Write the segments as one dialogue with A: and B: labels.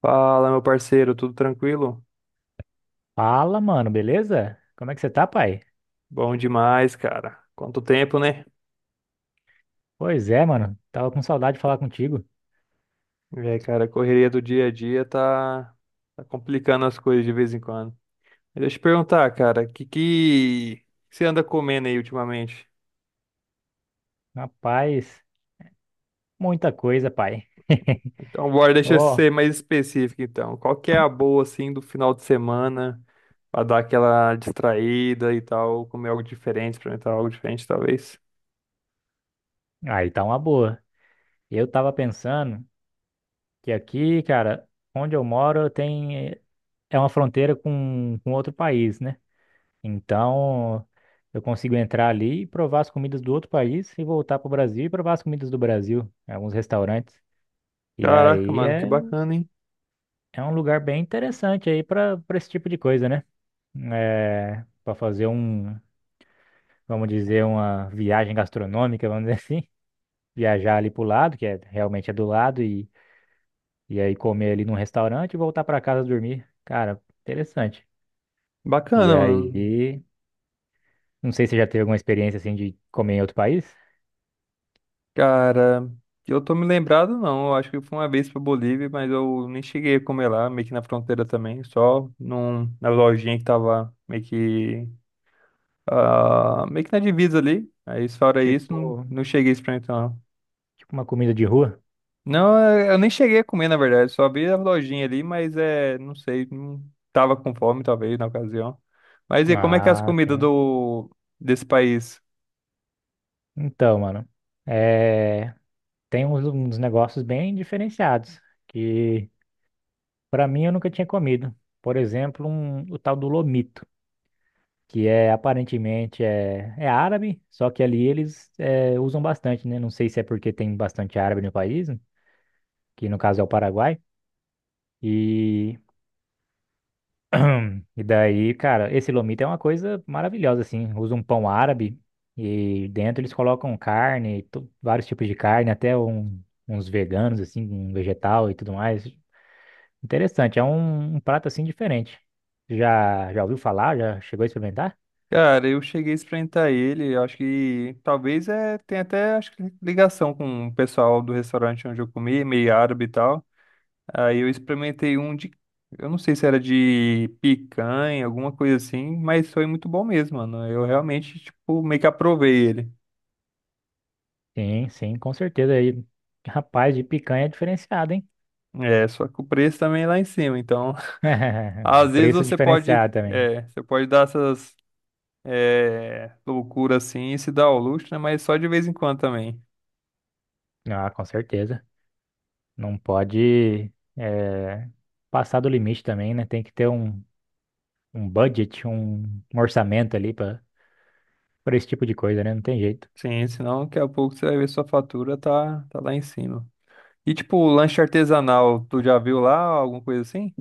A: Fala, meu parceiro, tudo tranquilo?
B: Fala, mano, beleza? Como é que você tá, pai?
A: Bom demais, cara. Quanto tempo, né?
B: Pois é, mano, tava com saudade de falar contigo.
A: É, cara, a correria do dia a dia tá complicando as coisas de vez em quando. Mas deixa eu te perguntar, cara, o que que você anda comendo aí ultimamente?
B: Rapaz, muita coisa, pai.
A: Então, bora, deixa eu
B: Ó,
A: ser mais específico, então. Qual que é a boa, assim, do final de semana pra dar aquela distraída e tal, comer algo diferente, experimentar algo diferente, talvez?
B: aí tá uma boa. Eu tava pensando que aqui, cara, onde eu moro tem é uma fronteira com outro país, né? Então, eu consigo entrar ali e provar as comidas do outro país e voltar pro Brasil e provar as comidas do Brasil, em alguns restaurantes. E
A: Caraca,
B: aí
A: mano, que
B: é,
A: bacana, hein?
B: é um lugar bem interessante aí pra para esse tipo de coisa, né? É, para fazer um, vamos dizer, uma viagem gastronômica, vamos dizer assim. Viajar ali pro lado, que é realmente é do lado, e aí comer ali num restaurante e voltar pra casa dormir. Cara, interessante. E
A: Bacana, mano.
B: aí, não sei se você já teve alguma experiência assim de comer em outro país?
A: Cara, eu tô me lembrado não, eu acho que foi uma vez pra Bolívia, mas eu nem cheguei a comer lá, meio que na fronteira também, só num, na lojinha que tava meio que na divisa ali, aí fora isso, não,
B: Tipo,
A: não cheguei a experimentar não.
B: tipo, uma comida de rua?
A: Não, eu nem cheguei a comer na verdade, só vi a lojinha ali, mas é, não sei, não tava com fome talvez na ocasião. Mas e como é que é as
B: Ah,
A: comidas
B: sim.
A: desse país?
B: Então, mano, é, tem uns negócios bem diferenciados que pra mim eu nunca tinha comido. Por exemplo, o tal do lomito, que é aparentemente é árabe, só que ali eles usam bastante, né? Não sei se é porque tem bastante árabe no país, que no caso é o Paraguai, e e daí, cara, esse lomito é uma coisa maravilhosa assim, usa um pão árabe e dentro eles colocam carne, vários tipos de carne, até uns veganos assim, um vegetal e tudo mais. Interessante, é um prato assim diferente. Já ouviu falar? Já chegou a experimentar?
A: Cara, eu cheguei a experimentar ele, eu acho que talvez tem até acho que ligação com o pessoal do restaurante onde eu comi, meio árabe e tal. Aí eu experimentei eu não sei se era de picanha, alguma coisa assim, mas foi muito bom mesmo, mano. Eu realmente, tipo, meio que aprovei ele.
B: Sim, sim, com certeza. Aí rapaz, de picanha é diferenciado, hein?
A: É, só que o preço também é lá em cima, então às vezes
B: Preço
A: você pode,
B: diferenciado também.
A: é, você pode dar essas, loucuras assim e se dar ao luxo, né? Mas só de vez em quando também.
B: Ah, com certeza. Não pode passar do limite também, né? Tem que ter um budget, um orçamento ali para esse tipo de coisa, né? Não tem jeito.
A: Sim, senão daqui a pouco você vai ver sua fatura tá lá em cima. E tipo, lanche artesanal, tu já viu lá alguma coisa assim?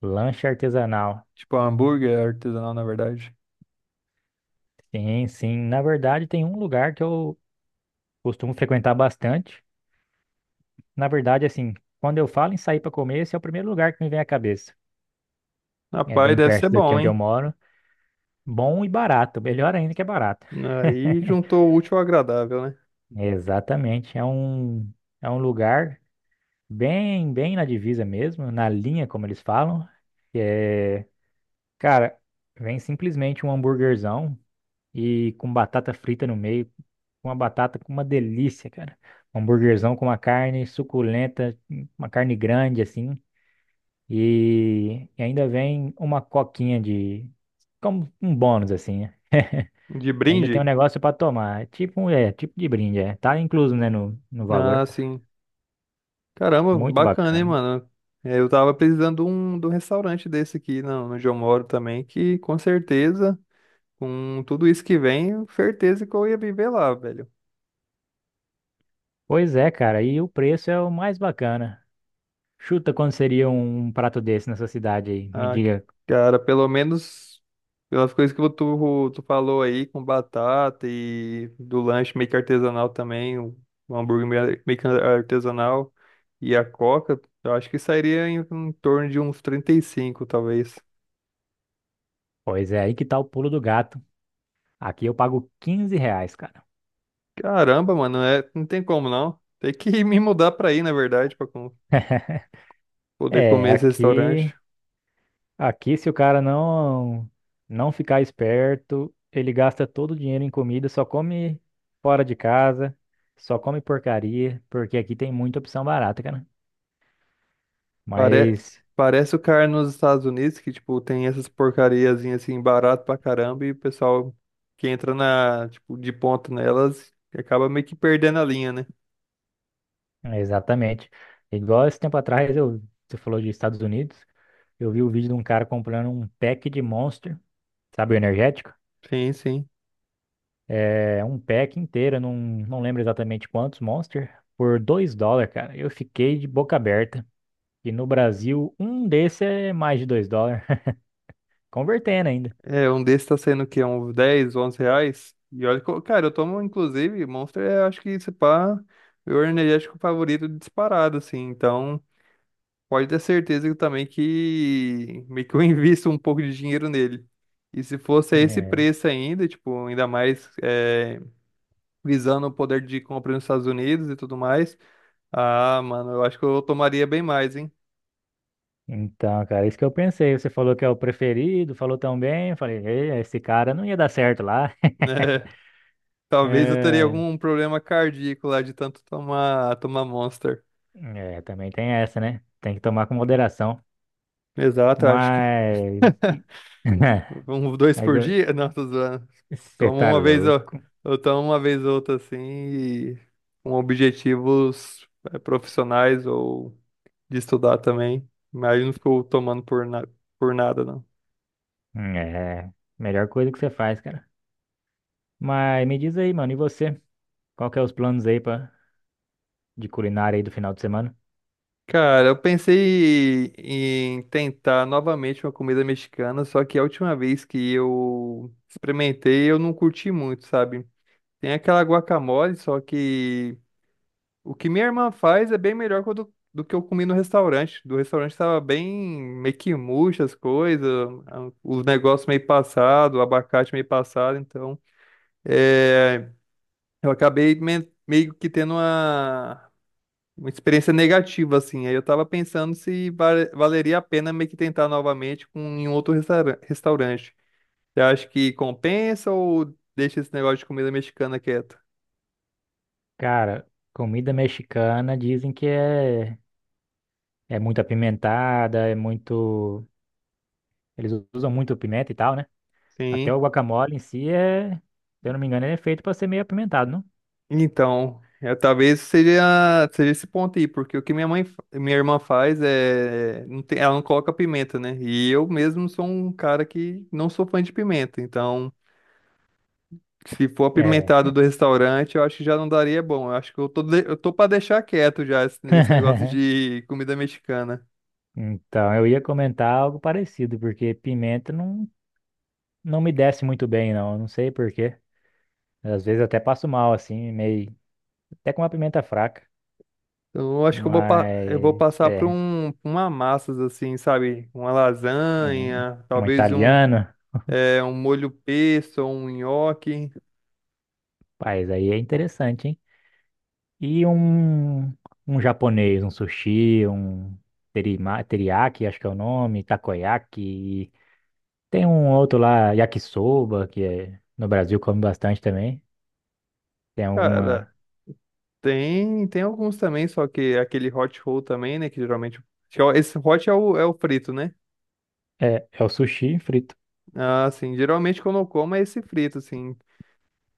B: Lanche artesanal.
A: Tipo, hambúrguer artesanal, na verdade.
B: Sim, sim. Na verdade, tem um lugar que eu costumo frequentar bastante. Na verdade, assim, quando eu falo em sair para comer, esse é o primeiro lugar que me vem à cabeça. É
A: Rapaz,
B: bem
A: deve ser
B: perto daqui
A: bom,
B: onde eu
A: hein?
B: moro. Bom e barato, melhor ainda que é barato.
A: Aí juntou o útil ao agradável, né?
B: Exatamente, é um lugar bem, bem na divisa mesmo, na linha, como eles falam. Que é, cara, vem simplesmente um hambúrguerzão e com batata frita no meio, uma batata com uma delícia, cara. Um hambúrguerzão com uma carne suculenta, uma carne grande assim, e ainda vem uma coquinha de, como um bônus assim.
A: De
B: Ainda tem um
A: brinde?
B: negócio pra tomar. É, tipo, tipo de brinde, é. Tá incluso, né, no
A: Ah,
B: valor.
A: sim. Caramba,
B: Muito
A: bacana, hein,
B: bacana.
A: mano? É, eu tava precisando de um restaurante desse aqui, não, onde eu moro também, que com certeza, com tudo isso que vem, certeza que eu ia viver lá, velho.
B: Pois é, cara, e o preço é o mais bacana. Chuta quanto seria um prato desse nessa cidade aí. Me
A: Ah,
B: diga.
A: cara, pelo menos pelas coisas que tu falou aí, com batata e do lanche meio que artesanal também, o hambúrguer meio que artesanal e a coca, eu acho que sairia em torno de uns 35, talvez.
B: Pois é, aí que tá o pulo do gato. Aqui eu pago R$ 15, cara.
A: Caramba, mano, é, não tem como não. Tem que me mudar pra aí, na verdade, poder
B: É,
A: comer esse restaurante.
B: aqui se o cara não ficar esperto, ele gasta todo o dinheiro em comida, só come fora de casa, só come porcaria, porque aqui tem muita opção barata, cara.
A: Pare...
B: Mas
A: Parece o cara nos Estados Unidos que, tipo, tem essas porcariazinhas assim, barato pra caramba, e o pessoal que entra na, tipo, de ponta nelas acaba meio que perdendo a linha, né?
B: Exatamente. Igual esse tempo atrás, você falou de Estados Unidos, eu vi o vídeo de um cara comprando um pack de Monster, sabe, o energético?
A: Sim, sim.
B: É, um pack inteiro, não lembro exatamente quantos Monster, por 2 dólares, cara. Eu fiquei de boca aberta. E no Brasil, um desse é mais de 2 dólares, convertendo ainda.
A: É, um desses tá saindo o quê? Uns 10, 11 reais? E olha, que cara, eu tomo, inclusive, Monster, acho que esse pá, meu energético favorito disparado, assim. Então, pode ter certeza que também que meio que eu invisto um pouco de dinheiro nele. E se fosse a esse
B: É.
A: preço ainda, tipo, ainda mais. Visando o poder de compra nos Estados Unidos e tudo mais. Ah, mano, eu acho que eu tomaria bem mais, hein?
B: Então, cara, isso que eu pensei. Você falou que é o preferido, falou tão bem. Eu falei, "Ei, esse cara não ia dar certo lá."
A: Né? Talvez eu teria
B: É,
A: algum problema cardíaco lá de tanto tomar Monster.
B: é, também tem essa, né? Tem que tomar com moderação.
A: Exato, acho que
B: Mas. e-
A: um, dois por
B: Agora,
A: dia? Não, tô zoando.
B: você
A: Tomo
B: tá
A: uma vez, eu,
B: louco?
A: eu tomo uma vez ou outra assim, e com objetivos profissionais ou de estudar também. Mas eu não ficou tomando por nada, não.
B: É. Melhor coisa que você faz, cara. Mas me diz aí, mano, e você? Qual que é os planos aí pra de culinária aí do final de semana?
A: Cara, eu pensei em tentar novamente uma comida mexicana, só que a última vez que eu experimentei, eu não curti muito, sabe? Tem aquela guacamole, só que o que minha irmã faz é bem melhor que o do, do que eu comi no restaurante. Do restaurante tava bem meio que murcha as coisas, os negócios meio passado, o abacate meio passado, então é, eu acabei meio que tendo uma experiência negativa, assim. Aí eu tava pensando se valeria a pena meio que tentar novamente em outro restaurante. Você acha que compensa ou deixa esse negócio de comida mexicana quieto?
B: Cara, comida mexicana dizem que é muito apimentada, é muito. Eles usam muito pimenta e tal, né? Até
A: Sim.
B: o guacamole em si é, se eu não me engano, ele é feito pra ser meio apimentado, não?
A: Então, talvez seja esse ponto aí, porque o que minha minha irmã faz é, ela não coloca pimenta, né? E eu mesmo sou um cara que não sou fã de pimenta, então se for apimentado
B: É.
A: do restaurante, eu acho que já não daria bom. Eu acho que eu tô pra deixar quieto já esse, esse negócio de comida mexicana.
B: Então, eu ia comentar algo parecido, porque pimenta não me desce muito bem, não. Eu não sei por quê. Às vezes eu até passo mal, assim, meio. Até com uma pimenta fraca.
A: Então, eu acho que eu vou
B: Mas,
A: passar
B: é.
A: pra uma massas assim, sabe? Uma
B: Um,
A: lasanha,
B: um
A: talvez um,
B: italiano,
A: é, um molho pesto ou um nhoque.
B: rapaz, aí é interessante, hein? E um japonês, um sushi, um teriyaki, acho que é o nome, takoyaki. Tem um outro lá, yakisoba, que é, no Brasil come bastante também. Tem
A: Cara,
B: alguma.
A: tem alguns também, só que aquele hot roll também, né? Que geralmente, acho que é esse hot é o frito, né?
B: É, é o sushi frito.
A: Ah, sim. Geralmente quando eu como é esse frito, assim.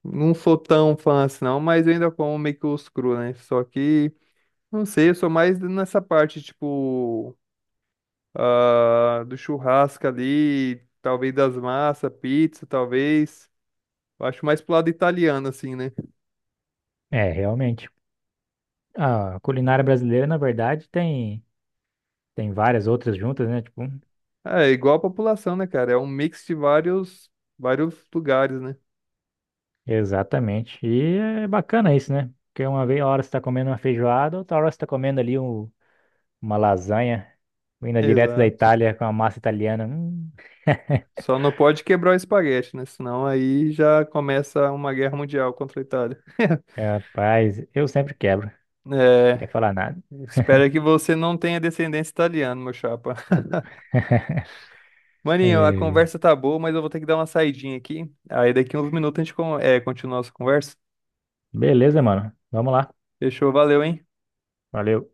A: Não sou tão fã assim, não, mas eu ainda como meio que os cru, né? Só que, não sei, eu sou mais nessa parte, tipo, do churrasco ali, talvez das massas, pizza, talvez. Eu acho mais pro lado italiano, assim, né?
B: É, realmente. A culinária brasileira, na verdade, tem várias outras juntas, né? Tipo,
A: É, igual a população, né, cara? É um mix de vários, vários lugares, né?
B: exatamente. E é bacana isso, né? Porque uma vez, a hora você tá comendo uma feijoada, outra hora você tá comendo ali uma lasanha, vinda direto da
A: Exato.
B: Itália com a massa italiana.
A: Só não pode quebrar o espaguete, né? Senão aí já começa uma guerra mundial contra a Itália.
B: Rapaz, eu sempre quebro. Queria
A: É,
B: falar nada.
A: espero que você não tenha descendência italiana, meu chapa. Maninho, a
B: É,
A: conversa tá boa, mas eu vou ter que dar uma saidinha aqui. Aí daqui uns minutos a gente continua a nossa conversa.
B: beleza, mano. Vamos lá.
A: Fechou, valeu, hein?
B: Valeu.